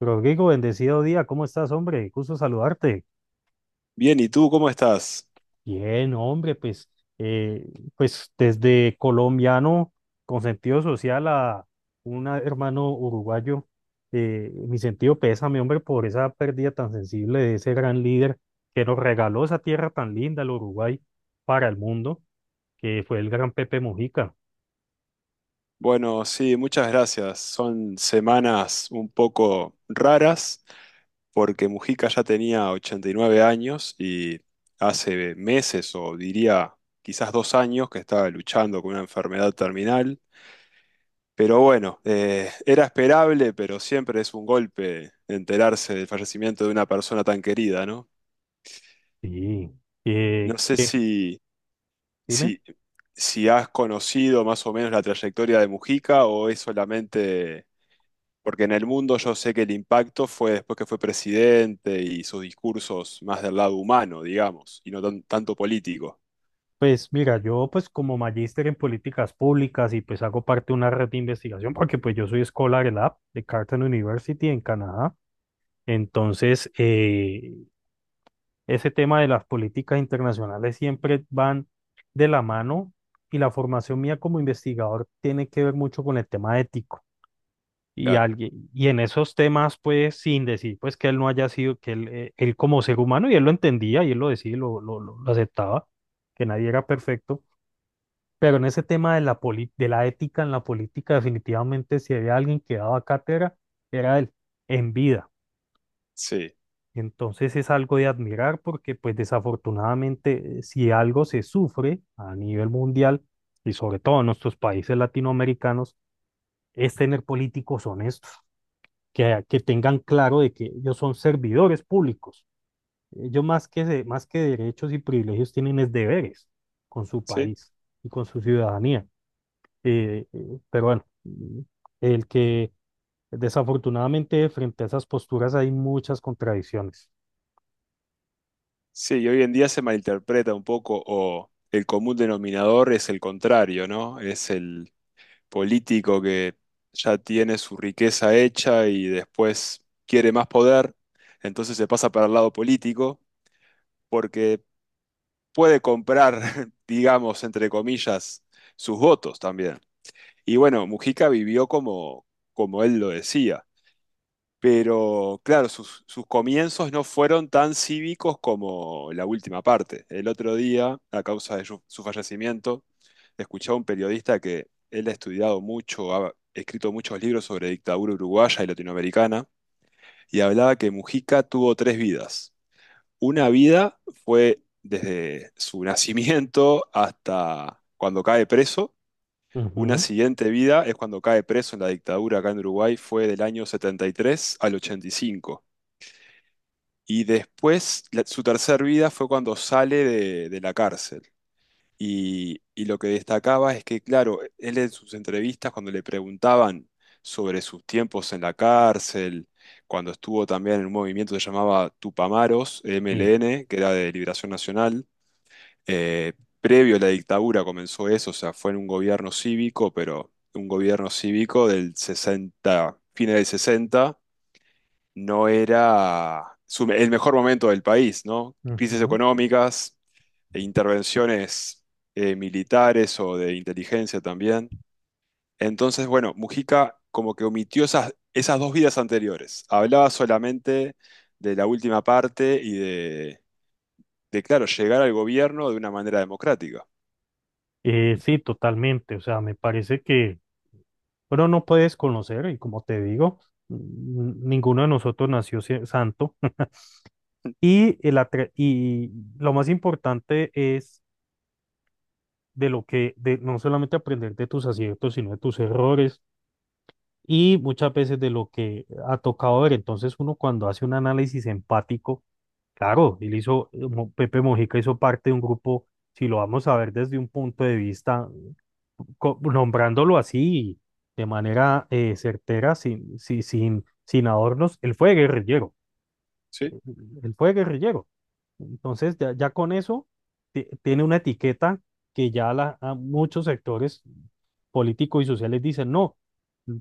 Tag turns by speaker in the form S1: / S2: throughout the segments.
S1: Rodrigo, bendecido día, ¿cómo estás, hombre? Gusto saludarte.
S2: Bien, ¿y tú cómo estás?
S1: Bien, hombre, pues, eh, pues desde colombiano con sentido social a un hermano uruguayo, mi sentido pésame, hombre, por esa pérdida tan sensible de ese gran líder que nos regaló esa tierra tan linda, el Uruguay, para el mundo, que fue el gran Pepe Mujica.
S2: Bueno, sí, muchas gracias. Son semanas un poco raras porque Mujica ya tenía 89 años y hace meses o diría quizás 2 años que estaba luchando con una enfermedad terminal. Pero bueno, era esperable, pero siempre es un golpe enterarse del fallecimiento de una persona tan querida, ¿no?
S1: Sí, eh,
S2: No sé
S1: que, dime.
S2: si, si has conocido más o menos la trayectoria de Mujica o es solamente porque en el mundo yo sé que el impacto fue después que fue presidente y sus discursos más del lado humano, digamos, y no tanto político.
S1: Pues mira, yo pues como magíster en políticas públicas y pues hago parte de una red de investigación porque pues yo soy Scholar Lab de Carleton University en Canadá. Entonces, ese tema de las políticas internacionales siempre van de la mano y la formación mía como investigador tiene que ver mucho con el tema ético. Y,
S2: Claro,
S1: alguien, y en esos temas, pues sin decir pues que él no haya sido, que él, él como ser humano, y él lo entendía y él lo decía y lo aceptaba, que nadie era perfecto, pero en ese tema de la, de la ética en la política, definitivamente si había alguien que daba cátedra, era él, en vida.
S2: sí,
S1: Entonces es algo de admirar porque pues desafortunadamente si algo se sufre a nivel mundial y sobre todo en nuestros países latinoamericanos, es tener políticos honestos, que tengan claro de que ellos son servidores públicos. Ellos más que, más que derechos y privilegios tienen es deberes con su
S2: sí,
S1: país y con su ciudadanía. Pero bueno, el que desafortunadamente frente a esas posturas hay muchas contradicciones.
S2: sí, y hoy en día se malinterpreta un poco o el común denominador es el contrario, ¿no? Es el político que ya tiene su riqueza hecha y después quiere más poder, entonces se pasa para el lado político porque puede comprar, digamos, entre comillas, sus votos también. Y bueno, Mujica vivió como, como él lo decía. Pero claro, sus comienzos no fueron tan cívicos como la última parte. El otro día, a causa de su fallecimiento, escuché a un periodista que él ha estudiado mucho, ha escrito muchos libros sobre dictadura uruguaya y latinoamericana, y hablaba que Mujica tuvo tres vidas. Una vida fue desde su nacimiento hasta cuando cae preso, una
S1: Ujú,
S2: siguiente vida es cuando cae preso en la dictadura acá en Uruguay, fue del año 73 al ochenta y cinco y después, su tercer vida fue cuando sale de la cárcel. Y lo que destacaba es que, claro, él en sus entrevistas, cuando le preguntaban sobre sus tiempos en la cárcel, cuando estuvo también en un movimiento que se llamaba Tupamaros,
S1: y-
S2: MLN, que era de Liberación Nacional, eh, previo a la dictadura comenzó eso, o sea, fue en un gobierno cívico, pero un gobierno cívico del 60, fines del 60, no era el mejor momento del país, ¿no? Crisis
S1: ujú.
S2: económicas, e intervenciones militares o de inteligencia también. Entonces, bueno, Mujica como que omitió esas dos vidas anteriores. Hablaba solamente de la última parte y de, claro, llegar al gobierno de una manera democrática.
S1: Sí, totalmente. O sea, me parece que uno no puedes conocer y como te digo, mm, ninguno de nosotros nació santo. Y, lo más importante es de lo que, de no solamente aprender de tus aciertos, sino de tus errores y muchas veces de lo que ha tocado ver. Entonces uno cuando hace un análisis empático, claro, él hizo, Pepe Mojica hizo parte de un grupo, si lo vamos a ver desde un punto de vista, nombrándolo así, de manera certera, sin adornos,
S2: ¿Sí?
S1: él fue guerrillero. Entonces ya, ya con eso tiene una etiqueta que ya la, a muchos sectores políticos y sociales dicen, no,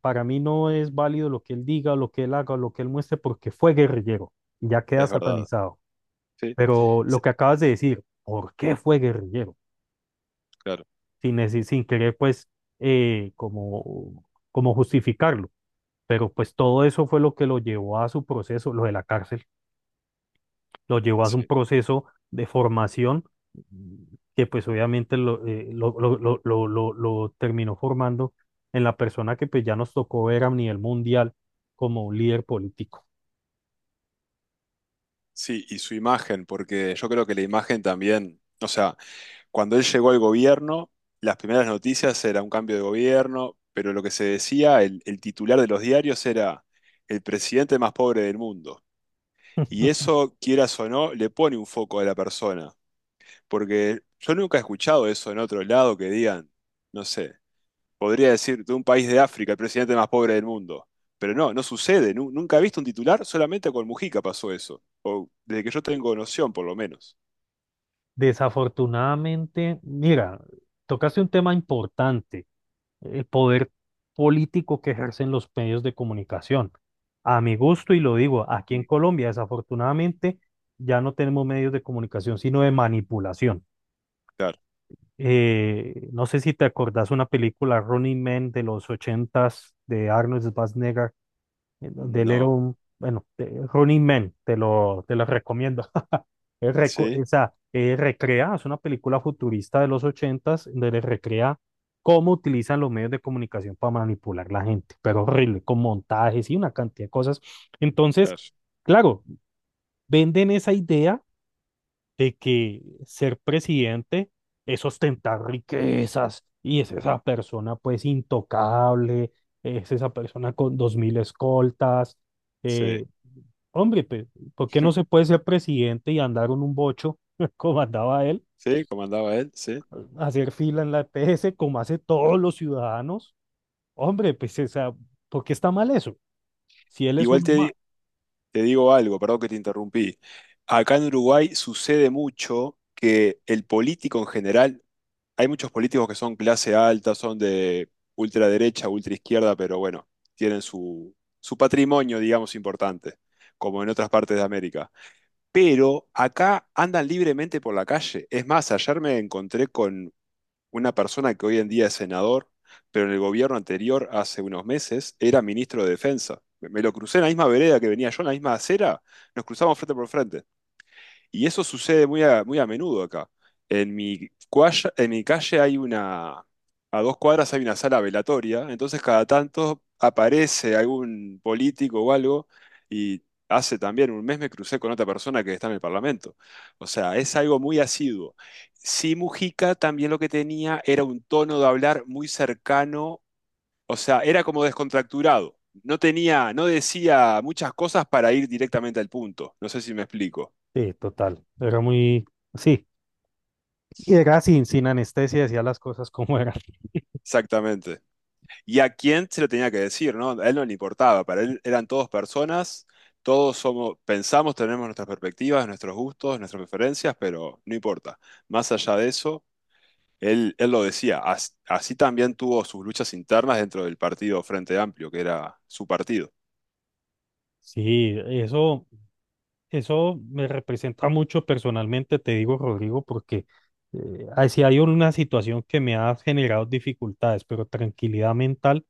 S1: para mí no es válido lo que él diga, lo que él haga, lo que él muestre, porque fue guerrillero, y ya queda
S2: Es verdad.
S1: satanizado.
S2: Sí,
S1: Pero
S2: sí,
S1: lo que acabas de decir, ¿por qué fue guerrillero?
S2: claro,
S1: Sin, sin querer, pues, eh, como, como justificarlo. Pero pues todo eso fue lo que lo llevó a su proceso, lo de la cárcel lo llevó a un
S2: sí.
S1: proceso de formación que pues obviamente lo, lo terminó formando en la persona que pues ya nos tocó ver a nivel mundial como un líder político.
S2: Sí, y su imagen, porque yo creo que la imagen también, o sea, cuando él llegó al gobierno, las primeras noticias era un cambio de gobierno, pero lo que se decía, el titular de los diarios era el presidente más pobre del mundo. Y eso, quieras o no, le pone un foco a la persona, porque yo nunca he escuchado eso en otro lado que digan, no sé. Podría decir, de un país de África, el presidente más pobre del mundo. Pero no, no sucede. Nunca he visto un titular, solamente con Mujica pasó eso. O desde que yo tengo noción, por lo menos.
S1: Desafortunadamente, mira, tocaste un tema importante, el poder político que ejercen los medios de comunicación. A mi gusto, y lo digo, aquí en
S2: Mm,
S1: Colombia, desafortunadamente, ya no tenemos medios de comunicación, sino de manipulación.
S2: claro.
S1: No sé si te acordás una película Running Man de los ochentas de Arnold Schwarzenegger, en donde él era
S2: No.
S1: un, bueno, Running Man, te la recomiendo. Él reco-
S2: Sí,
S1: o sea, Recrea, es una película futurista de los ochentas, donde le recrea cómo utilizan los medios de comunicación para manipular la gente, pero horrible, con montajes y una cantidad de cosas. Entonces,
S2: claro.
S1: claro, venden esa idea de que ser presidente es ostentar riquezas y es esa persona pues intocable, es esa persona con dos mil escoltas.
S2: Sí.
S1: eh, Hombre, pues, ¿por qué no se puede ser presidente y andar en un bocho como andaba él,
S2: Sí, comandaba él, sí.
S1: hacer fila en la EPS como hace todos los ciudadanos? Hombre, pues esa, ¿por qué está mal eso? Si él es
S2: Igual
S1: uno más.
S2: te digo algo, perdón que te interrumpí. Acá en Uruguay sucede mucho que el político en general hay muchos políticos que son clase alta, son de ultraderecha, ultraizquierda, pero bueno, tienen su patrimonio, digamos, importante, como en otras partes de América. Pero acá andan libremente por la calle. Es más, ayer me encontré con una persona que hoy en día es senador, pero en el gobierno anterior, hace unos meses, era ministro de Defensa. Me lo crucé en la misma vereda que venía yo, en la misma acera, nos cruzamos frente por frente. Y eso sucede muy a menudo acá. En mi, en mi calle hay una, a 2 cuadras hay una sala velatoria, entonces cada tanto aparece algún político o algo y hace también un mes me crucé con otra persona que está en el Parlamento. O sea, es algo muy asiduo. Sí, Mujica también lo que tenía era un tono de hablar muy cercano, o sea, era como descontracturado. No tenía, no decía muchas cosas para ir directamente al punto. No sé si me explico.
S1: Sí, total. Era muy, sí. Era sin anestesia, decía las cosas como eran.
S2: Exactamente. Y a quién se lo tenía que decir, ¿no? A él no le importaba, para él eran todos personas, todos somos, pensamos, tenemos nuestras perspectivas, nuestros gustos, nuestras preferencias, pero no importa. Más allá de eso, él lo decía, así también tuvo sus luchas internas dentro del partido Frente Amplio, que era su partido.
S1: Sí, eso. Eso me representa mucho personalmente, te digo, Rodrigo, porque si hay una situación que me ha generado dificultades, pero tranquilidad mental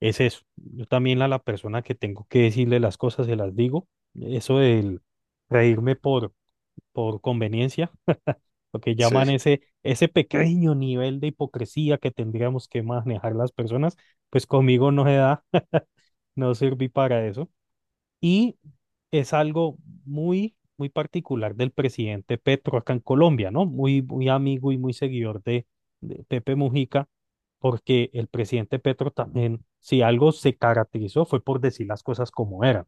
S1: es eso. Yo también a la persona que tengo que decirle las cosas se las digo. Eso del reírme por conveniencia, lo que
S2: Sí,
S1: llaman ese pequeño nivel de hipocresía que tendríamos que manejar las personas, pues conmigo no se da, no serví para eso. Y es algo muy particular del presidente Petro acá en Colombia, ¿no? Muy amigo y muy seguidor de Pepe Mujica, porque el presidente Petro también, si algo se caracterizó, fue por decir las cosas como eran,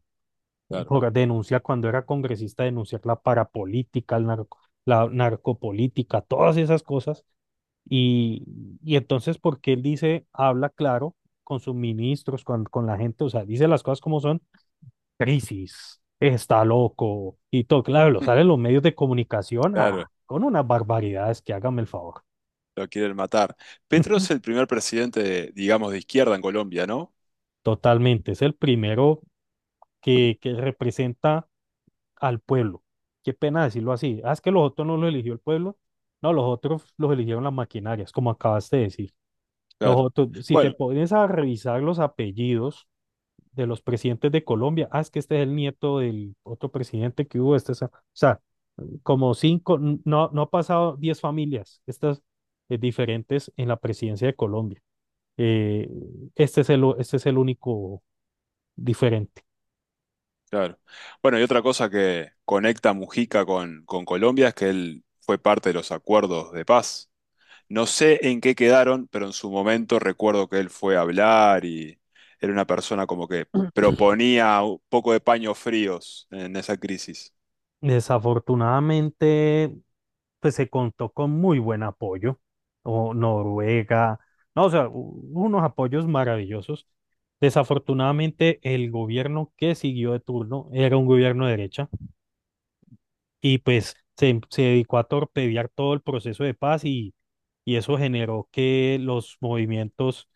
S2: claro,
S1: por denunciar cuando era congresista, denunciar la parapolítica, la narcopolítica, todas esas cosas. Y, y entonces, porque él dice, habla claro con sus ministros, con la gente, o sea, dice las cosas como son crisis, está loco y todo, claro, lo salen los medios de comunicación
S2: claro,
S1: ah, con unas barbaridades que hágame el favor.
S2: lo quieren matar. Petro es el primer presidente, digamos, de izquierda en Colombia, ¿no?
S1: Totalmente, es el primero que representa al pueblo. Qué pena decirlo así. Ah, es que los otros no los eligió el pueblo. No, los otros los eligieron las maquinarias, como acabaste de decir. Los
S2: Claro.
S1: otros, si te
S2: Bueno.
S1: pones a revisar los apellidos de los presidentes de Colombia, ah, es que este es el nieto del otro presidente que hubo, este, o sea, como cinco, no, no ha pasado diez familias, estas diferentes en la presidencia de Colombia. Eh, este es el único diferente.
S2: Claro. Bueno, y otra cosa que conecta Mujica con Colombia es que él fue parte de los acuerdos de paz. No sé en qué quedaron, pero en su momento recuerdo que él fue a hablar y era una persona como que proponía un poco de paños fríos en esa crisis.
S1: Desafortunadamente, pues se contó con muy buen apoyo, o Noruega, no, o sea, unos apoyos maravillosos. Desafortunadamente, el gobierno que siguió de turno era un gobierno de derecha y pues se dedicó a torpedear todo el proceso de paz y eso generó que los movimientos,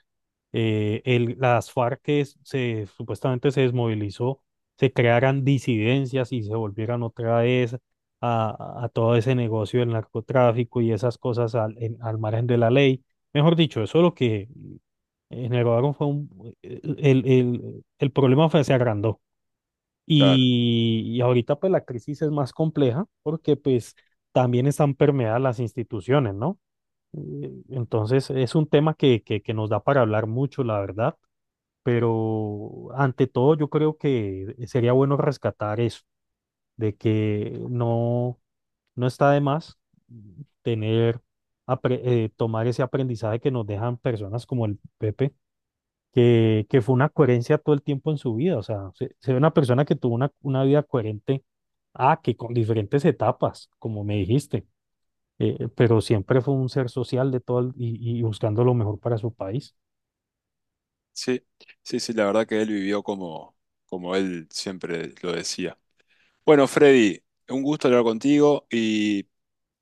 S1: las FARC que supuestamente se desmovilizó, se crearan disidencias y se volvieran otra vez a todo ese negocio del narcotráfico y esas cosas al, al margen de la ley. Mejor dicho, eso lo que generaron fue un, el problema fue, se agrandó.
S2: Claro.
S1: Y ahorita pues la crisis es más compleja porque pues también están permeadas las instituciones, ¿no? Entonces es un tema que nos da para hablar mucho, la verdad, pero ante todo yo creo que sería bueno rescatar eso, de que no, no está de más tener, tomar ese aprendizaje que nos dejan personas como el Pepe que fue una coherencia todo el tiempo en su vida. O sea, se ve una persona que tuvo una vida coherente, ah, que con diferentes etapas, como me dijiste, pero siempre fue un ser social de todo el- y buscando lo mejor para su país.
S2: Sí, sí, sí, la verdad que él vivió como él siempre lo decía. Bueno, Freddy, un gusto hablar contigo y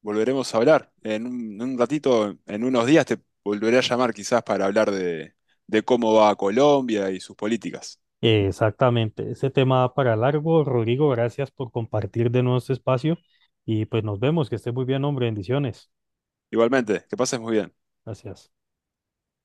S2: volveremos a hablar. En un ratito, en unos días, te volveré a llamar quizás para hablar de cómo va Colombia y sus políticas.
S1: Exactamente, ese tema da para largo. Rodrigo, gracias por compartir de nuevo este espacio y pues nos vemos, que estés muy bien, hombre, bendiciones.
S2: Igualmente, que pases muy bien.
S1: Gracias.